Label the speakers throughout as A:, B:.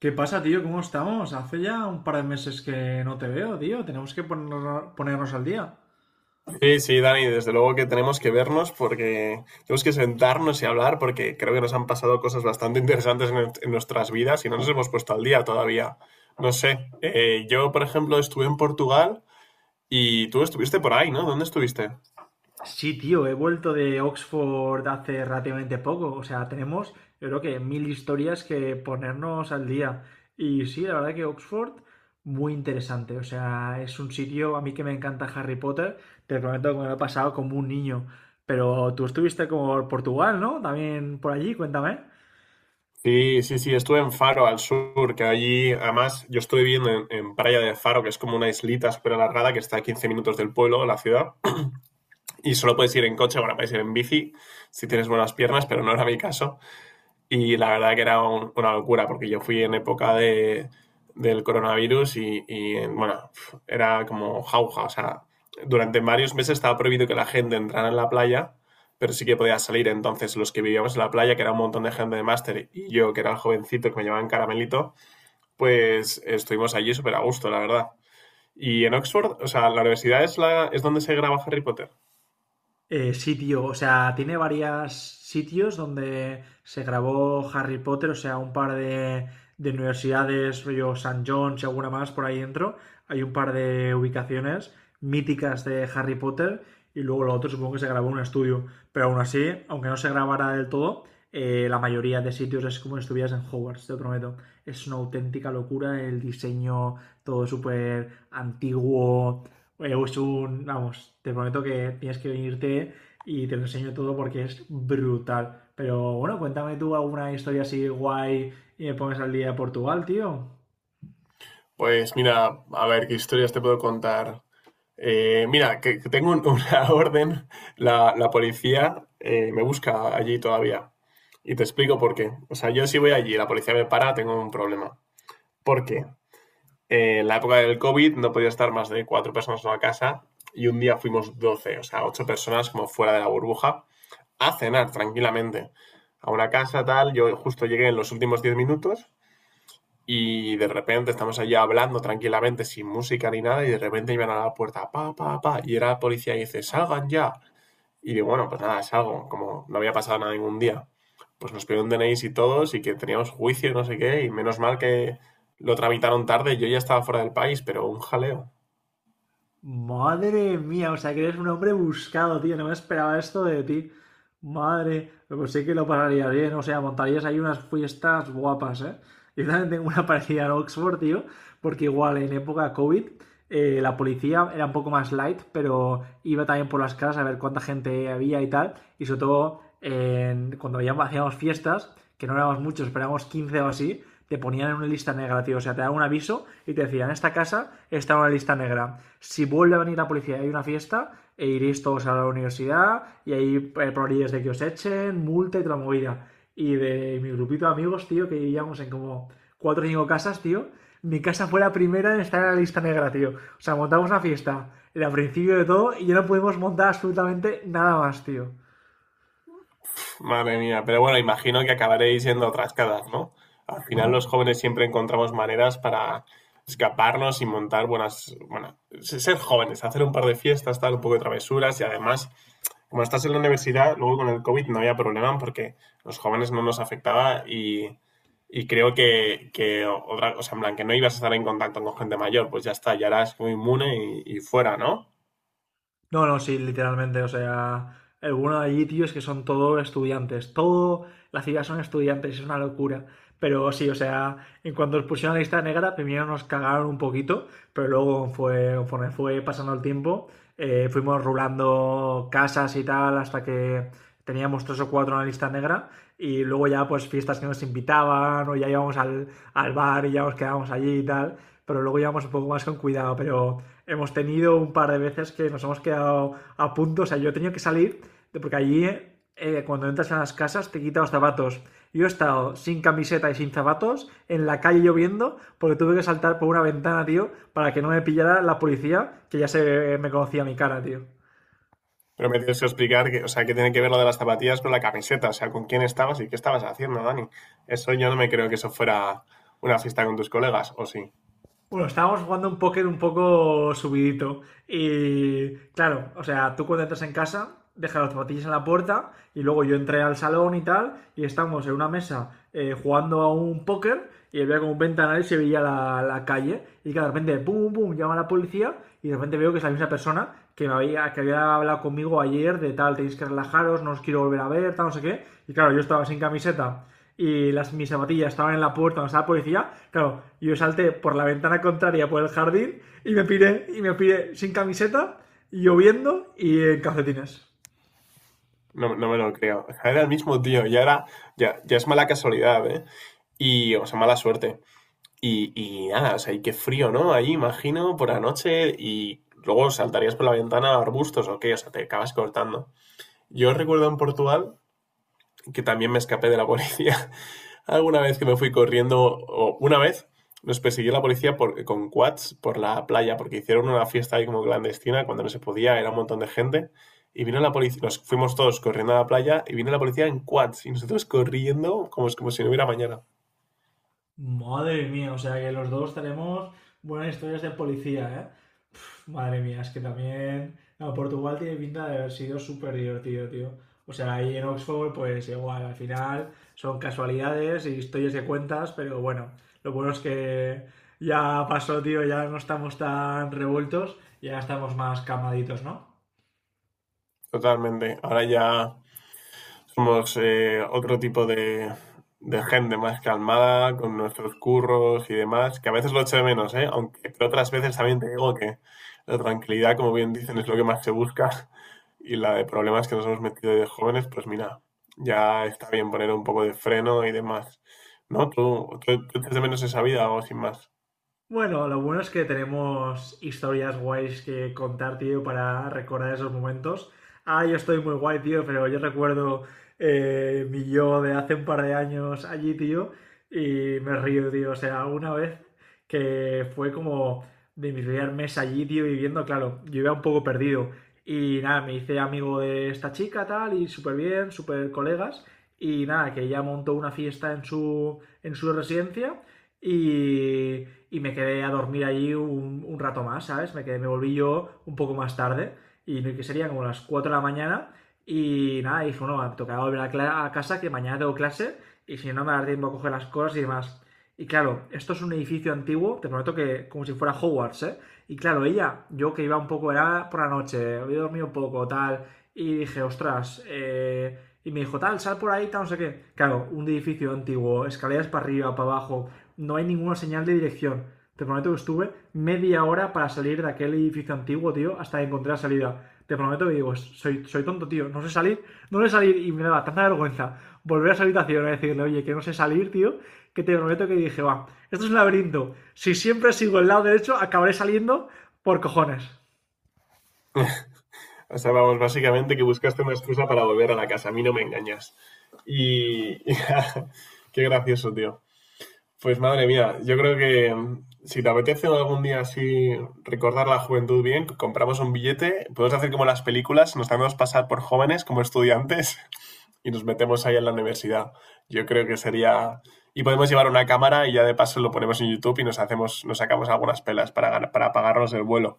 A: ¿Qué pasa, tío? ¿Cómo estamos? Hace ya un par de meses que no te veo, tío. Tenemos que ponernos al día.
B: Sí, sí, Dani, desde luego que tenemos que vernos porque tenemos que sentarnos y hablar porque creo que nos han pasado cosas bastante interesantes en nuestras vidas y no nos hemos puesto al día todavía. No sé, yo por ejemplo estuve en Portugal y tú estuviste por ahí, ¿no? ¿Dónde estuviste?
A: Sí, tío, he vuelto de Oxford hace relativamente poco. O sea, yo creo que mil historias que ponernos al día. Y sí, la verdad que Oxford, muy interesante. O sea, es un sitio, a mí que me encanta Harry Potter, te prometo que me lo he pasado como un niño. Pero tú estuviste como por Portugal, ¿no? También por allí, cuéntame.
B: Sí, sí, sí, estuve en Faro, al sur, que allí, además, yo estoy viviendo en Praia de Faro, que es como una islita súper alargada que está a 15 minutos del pueblo, de la ciudad, y solo puedes ir en coche, bueno, puedes ir en bici si tienes buenas piernas, pero no era mi caso. Y la verdad que era una locura, porque yo fui en época del coronavirus y, bueno, pf, era como jauja. O sea, durante varios meses estaba prohibido que la gente entrara en la playa, pero sí que podía salir. Entonces, los que vivíamos en la playa, que era un montón de gente de máster, y yo, que era el jovencito que me llamaban Caramelito, pues estuvimos allí súper a gusto, la verdad. Y en Oxford, o sea, la universidad es, la, es donde se graba Harry Potter.
A: Sí, tío, o sea, tiene varios sitios donde se grabó Harry Potter, o sea, un par de universidades, rollo St. John's y alguna más por ahí dentro. Hay un par de ubicaciones míticas de Harry Potter y luego lo otro supongo que se grabó en un estudio. Pero aún así, aunque no se grabara del todo, la mayoría de sitios es como si estuvieras en Hogwarts, te lo prometo. Es una auténtica locura el diseño, todo súper antiguo, es un, vamos, te prometo que tienes que venirte y te lo enseño todo porque es brutal. Pero bueno, cuéntame tú alguna historia así guay y me pones al día de Portugal, tío.
B: Pues mira, a ver, ¿qué historias te puedo contar? Mira, que tengo una orden, la policía, me busca allí todavía. Y te explico por qué. O sea, yo si voy allí y la policía me para, tengo un problema. Porque en la época del COVID no podía estar más de 4 personas en una casa y un día fuimos 12, o sea, 8 personas como fuera de la burbuja, a cenar tranquilamente. A una casa tal, yo justo llegué en los últimos 10 minutos y de repente estamos allí hablando tranquilamente, sin música ni nada, y de repente iban a la puerta, pa, pa, pa, y era la policía y dice, salgan ya. Y digo, bueno, pues nada, salgo, como no había pasado nada ningún día. Pues nos pidieron DNIs y todos, y que teníamos juicio, no sé qué, y menos mal que lo tramitaron tarde, yo ya estaba fuera del país, pero un jaleo.
A: Madre mía, o sea que eres un hombre buscado, tío. No me esperaba esto de ti. Madre, pues sí que lo pasarías bien, o sea, montarías ahí unas fiestas guapas, ¿eh? Yo también tengo una parecida en Oxford, tío, porque igual en época COVID la policía era un poco más light, pero iba también por las casas a ver cuánta gente había y tal. Y sobre todo, cuando hacíamos fiestas, que no éramos muchos, pero éramos 15 o así, te ponían en una lista negra, tío. O sea, te daban un aviso y te decían, en esta casa está en una lista negra. Si vuelve a venir la policía y hay una fiesta, e iréis todos a la universidad y hay probabilidades de que os echen, multa y toda la movida. Y de mi grupito de amigos, tío, que vivíamos en como cuatro o cinco casas, tío, mi casa fue la primera en estar en la lista negra, tío. O sea, montamos una fiesta, era principio de todo, y ya no pudimos montar absolutamente nada más, tío.
B: Madre mía, pero bueno, imagino que acabaréis yendo a otras casas, ¿no? Al final los jóvenes siempre encontramos maneras para escaparnos y montar buenas, bueno, ser jóvenes, hacer un par de fiestas, tal, un poco de travesuras y además, como estás en la universidad, luego con el COVID no había problema porque los jóvenes no nos afectaba y creo que, otra, o sea, en plan, que no ibas a estar en contacto con gente mayor, pues ya está, ya eras muy inmune y fuera, ¿no?
A: No, no, sí, literalmente, o sea, el bueno de allí, tío, es que son todos estudiantes. Todo la ciudad son estudiantes, es una locura. Pero sí, o sea, en cuanto nos pusieron la lista negra, primero nos cagaron un poquito, pero luego fue, conforme fue pasando el tiempo, fuimos rulando casas y tal hasta que teníamos tres o cuatro en la lista negra y luego ya pues fiestas que nos invitaban o ya íbamos al bar y ya nos quedábamos allí y tal, pero luego íbamos un poco más con cuidado, pero hemos tenido un par de veces que nos hemos quedado a punto, o sea, yo he tenido que salir porque allí cuando entras a las casas te quitan los zapatos. Yo he estado sin camiseta y sin zapatos en la calle lloviendo porque tuve que saltar por una ventana, tío, para que no me pillara la policía que ya se me conocía mi cara, tío.
B: Pero me tienes que explicar que, o sea, que tiene que ver lo de las zapatillas con la camiseta, o sea, con quién estabas y qué estabas haciendo, Dani. Eso yo no me creo que eso fuera una fiesta con tus colegas, ¿o sí?
A: Bueno, estábamos jugando un póker un poco subidito. Y claro, o sea, tú cuando entras en casa, dejas las zapatillas en la puerta y luego yo entré al salón y tal, y estamos en una mesa jugando a un póker y había como un ventanal y se veía la calle. Y que de repente, pum, pum, llama la policía y de repente veo que es la misma persona que había hablado conmigo ayer de tal, tenéis que relajaros, no os quiero volver a ver, tal, no sé qué. Y claro, yo estaba sin camiseta y mis zapatillas estaban en la puerta donde estaba la policía, claro, yo salté por la ventana contraria por el jardín y me piré sin camiseta, lloviendo y en calcetines.
B: No, no me lo creo. O sea, era el mismo tío, ya era, ya, ya es mala casualidad, ¿eh? Y, o sea, mala suerte. Y nada, o sea, y qué frío, ¿no? Ahí, imagino, por la noche y luego saltarías por la ventana a arbustos o qué, o sea, te acabas cortando. Yo recuerdo en Portugal que también me escapé de la policía. Alguna vez que me fui corriendo, o una vez nos persiguió la policía con quads por la playa, porque hicieron una fiesta ahí como clandestina, cuando no se podía, era un montón de gente. Y vino la policía, nos fuimos todos corriendo a la playa y vino la policía en quads y nosotros corriendo como, como si no hubiera mañana.
A: Madre mía, o sea que los dos tenemos buenas historias de policía, ¿eh? Pf, madre mía, es que también no, Portugal tiene pinta de haber sido súper divertido, tío. O sea, ahí en Oxford, pues igual, al final son casualidades y historias de cuentas, pero bueno, lo bueno es que ya pasó, tío, ya no estamos tan revueltos, ya estamos más calmaditos, ¿no?
B: Totalmente. Ahora ya somos, otro tipo de gente más calmada, con nuestros curros y demás, que a veces lo echo de menos, ¿eh? Aunque pero otras veces también te digo que la tranquilidad, como bien dicen, es lo que más se busca. Y la de problemas que nos hemos metido de jóvenes, pues mira, ya está bien poner un poco de freno y demás. ¿No? Tú echas de menos esa vida o sin más.
A: Bueno, lo bueno es que tenemos historias guays que contar, tío, para recordar esos momentos. Ah, yo estoy muy guay, tío, pero yo recuerdo mi yo de hace un par de años allí, tío, y me río, tío. O sea, una vez que fue como de mi primer mes allí, tío, viviendo, claro, yo iba un poco perdido. Y nada, me hice amigo de esta chica, tal, y súper bien, súper colegas. Y nada, que ella montó una fiesta en en su residencia. Y y me quedé a dormir allí un rato más, ¿sabes? Me volví yo un poco más tarde y no, que sería como las 4 de la mañana y nada, dije, no, me tocará volver a casa que mañana tengo clase y si no me dará tiempo a coger las cosas y demás. Y claro, esto es un edificio antiguo, te prometo que como si fuera Hogwarts, ¿eh? Y claro, ella, yo que iba un poco, era por la noche, había dormido un poco, tal, y dije, ostras. Y me dijo, tal, sal por ahí, tal, no sé qué. Claro, un edificio antiguo, escaleras para arriba, para abajo, no hay ninguna señal de dirección. Te prometo que estuve media hora para salir de aquel edificio antiguo, tío, hasta que encontré la salida. Te prometo que digo, soy tonto, tío, no sé salir, no sé salir y me daba tanta vergüenza volver a esa habitación y decirle, oye, que no sé salir, tío, que te prometo que dije, va, esto es un laberinto, si siempre sigo el lado derecho acabaré saliendo por cojones.
B: O sea, vamos, básicamente que buscaste una excusa para volver a la casa. A mí no me engañas. Y. Qué gracioso, tío. Pues madre mía, yo creo que si te apetece algún día así recordar la juventud bien, compramos un billete, podemos hacer como las películas, nos hacemos pasar por jóvenes como estudiantes y nos metemos ahí en la universidad. Yo creo que sería... Y podemos llevar una cámara y ya de paso lo ponemos en YouTube y nos hacemos, nos sacamos algunas pelas para, para pagarnos el vuelo.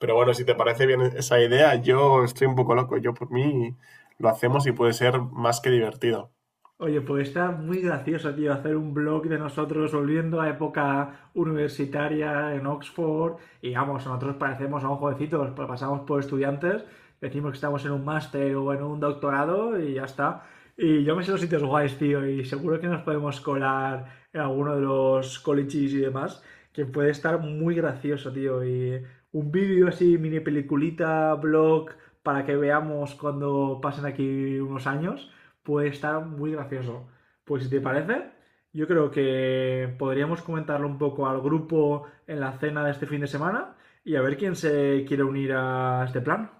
B: Pero bueno, si te parece bien esa idea, yo estoy un poco loco. Yo por mí lo hacemos y puede ser más que divertido.
A: Oye, pues está muy gracioso, tío, hacer un blog de nosotros volviendo a época universitaria en Oxford. Y vamos, nosotros parecemos a un jovencitos, pues, pasamos por estudiantes, decimos que estamos en un máster o en un doctorado y ya está. Y yo me sé los sitios guays, tío, y seguro que nos podemos colar en alguno de los colleges y demás, que puede estar muy gracioso, tío. Y un vídeo así, mini peliculita, blog, para que veamos cuando pasen aquí unos años pues está muy gracioso. Pues si te parece, yo creo que podríamos comentarlo un poco al grupo en la cena de este fin de semana y a ver quién se quiere unir a este plan.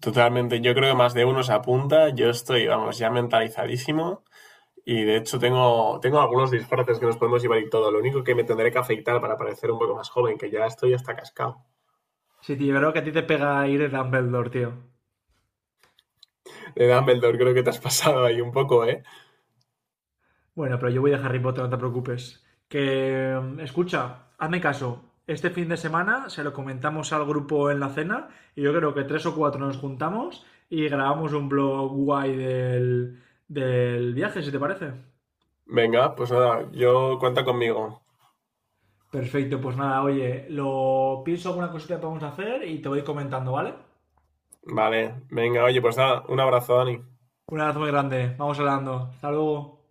B: Totalmente, yo creo que más de uno se apunta, yo estoy, vamos, ya mentalizadísimo y de hecho tengo algunos disfraces que nos podemos llevar y todo, lo único que me tendré que afeitar para parecer un poco más joven, que ya estoy hasta cascado.
A: Sí, tío, creo que a ti te pega ir de Dumbledore, tío.
B: De Dumbledore creo que te has pasado ahí un poco, ¿eh?
A: Bueno, pero yo voy a Harry Potter, no te preocupes. Que, escucha, hazme caso. Este fin de semana se lo comentamos al grupo en la cena y yo creo que tres o cuatro nos juntamos y grabamos un blog guay del viaje, si te parece.
B: Venga, pues nada, yo cuenta conmigo.
A: Perfecto, pues nada, oye, lo pienso alguna cosita que podemos hacer y te voy comentando, ¿vale?
B: Vale, venga, oye, pues nada, un abrazo, Dani.
A: Un abrazo muy grande, vamos hablando. Hasta luego.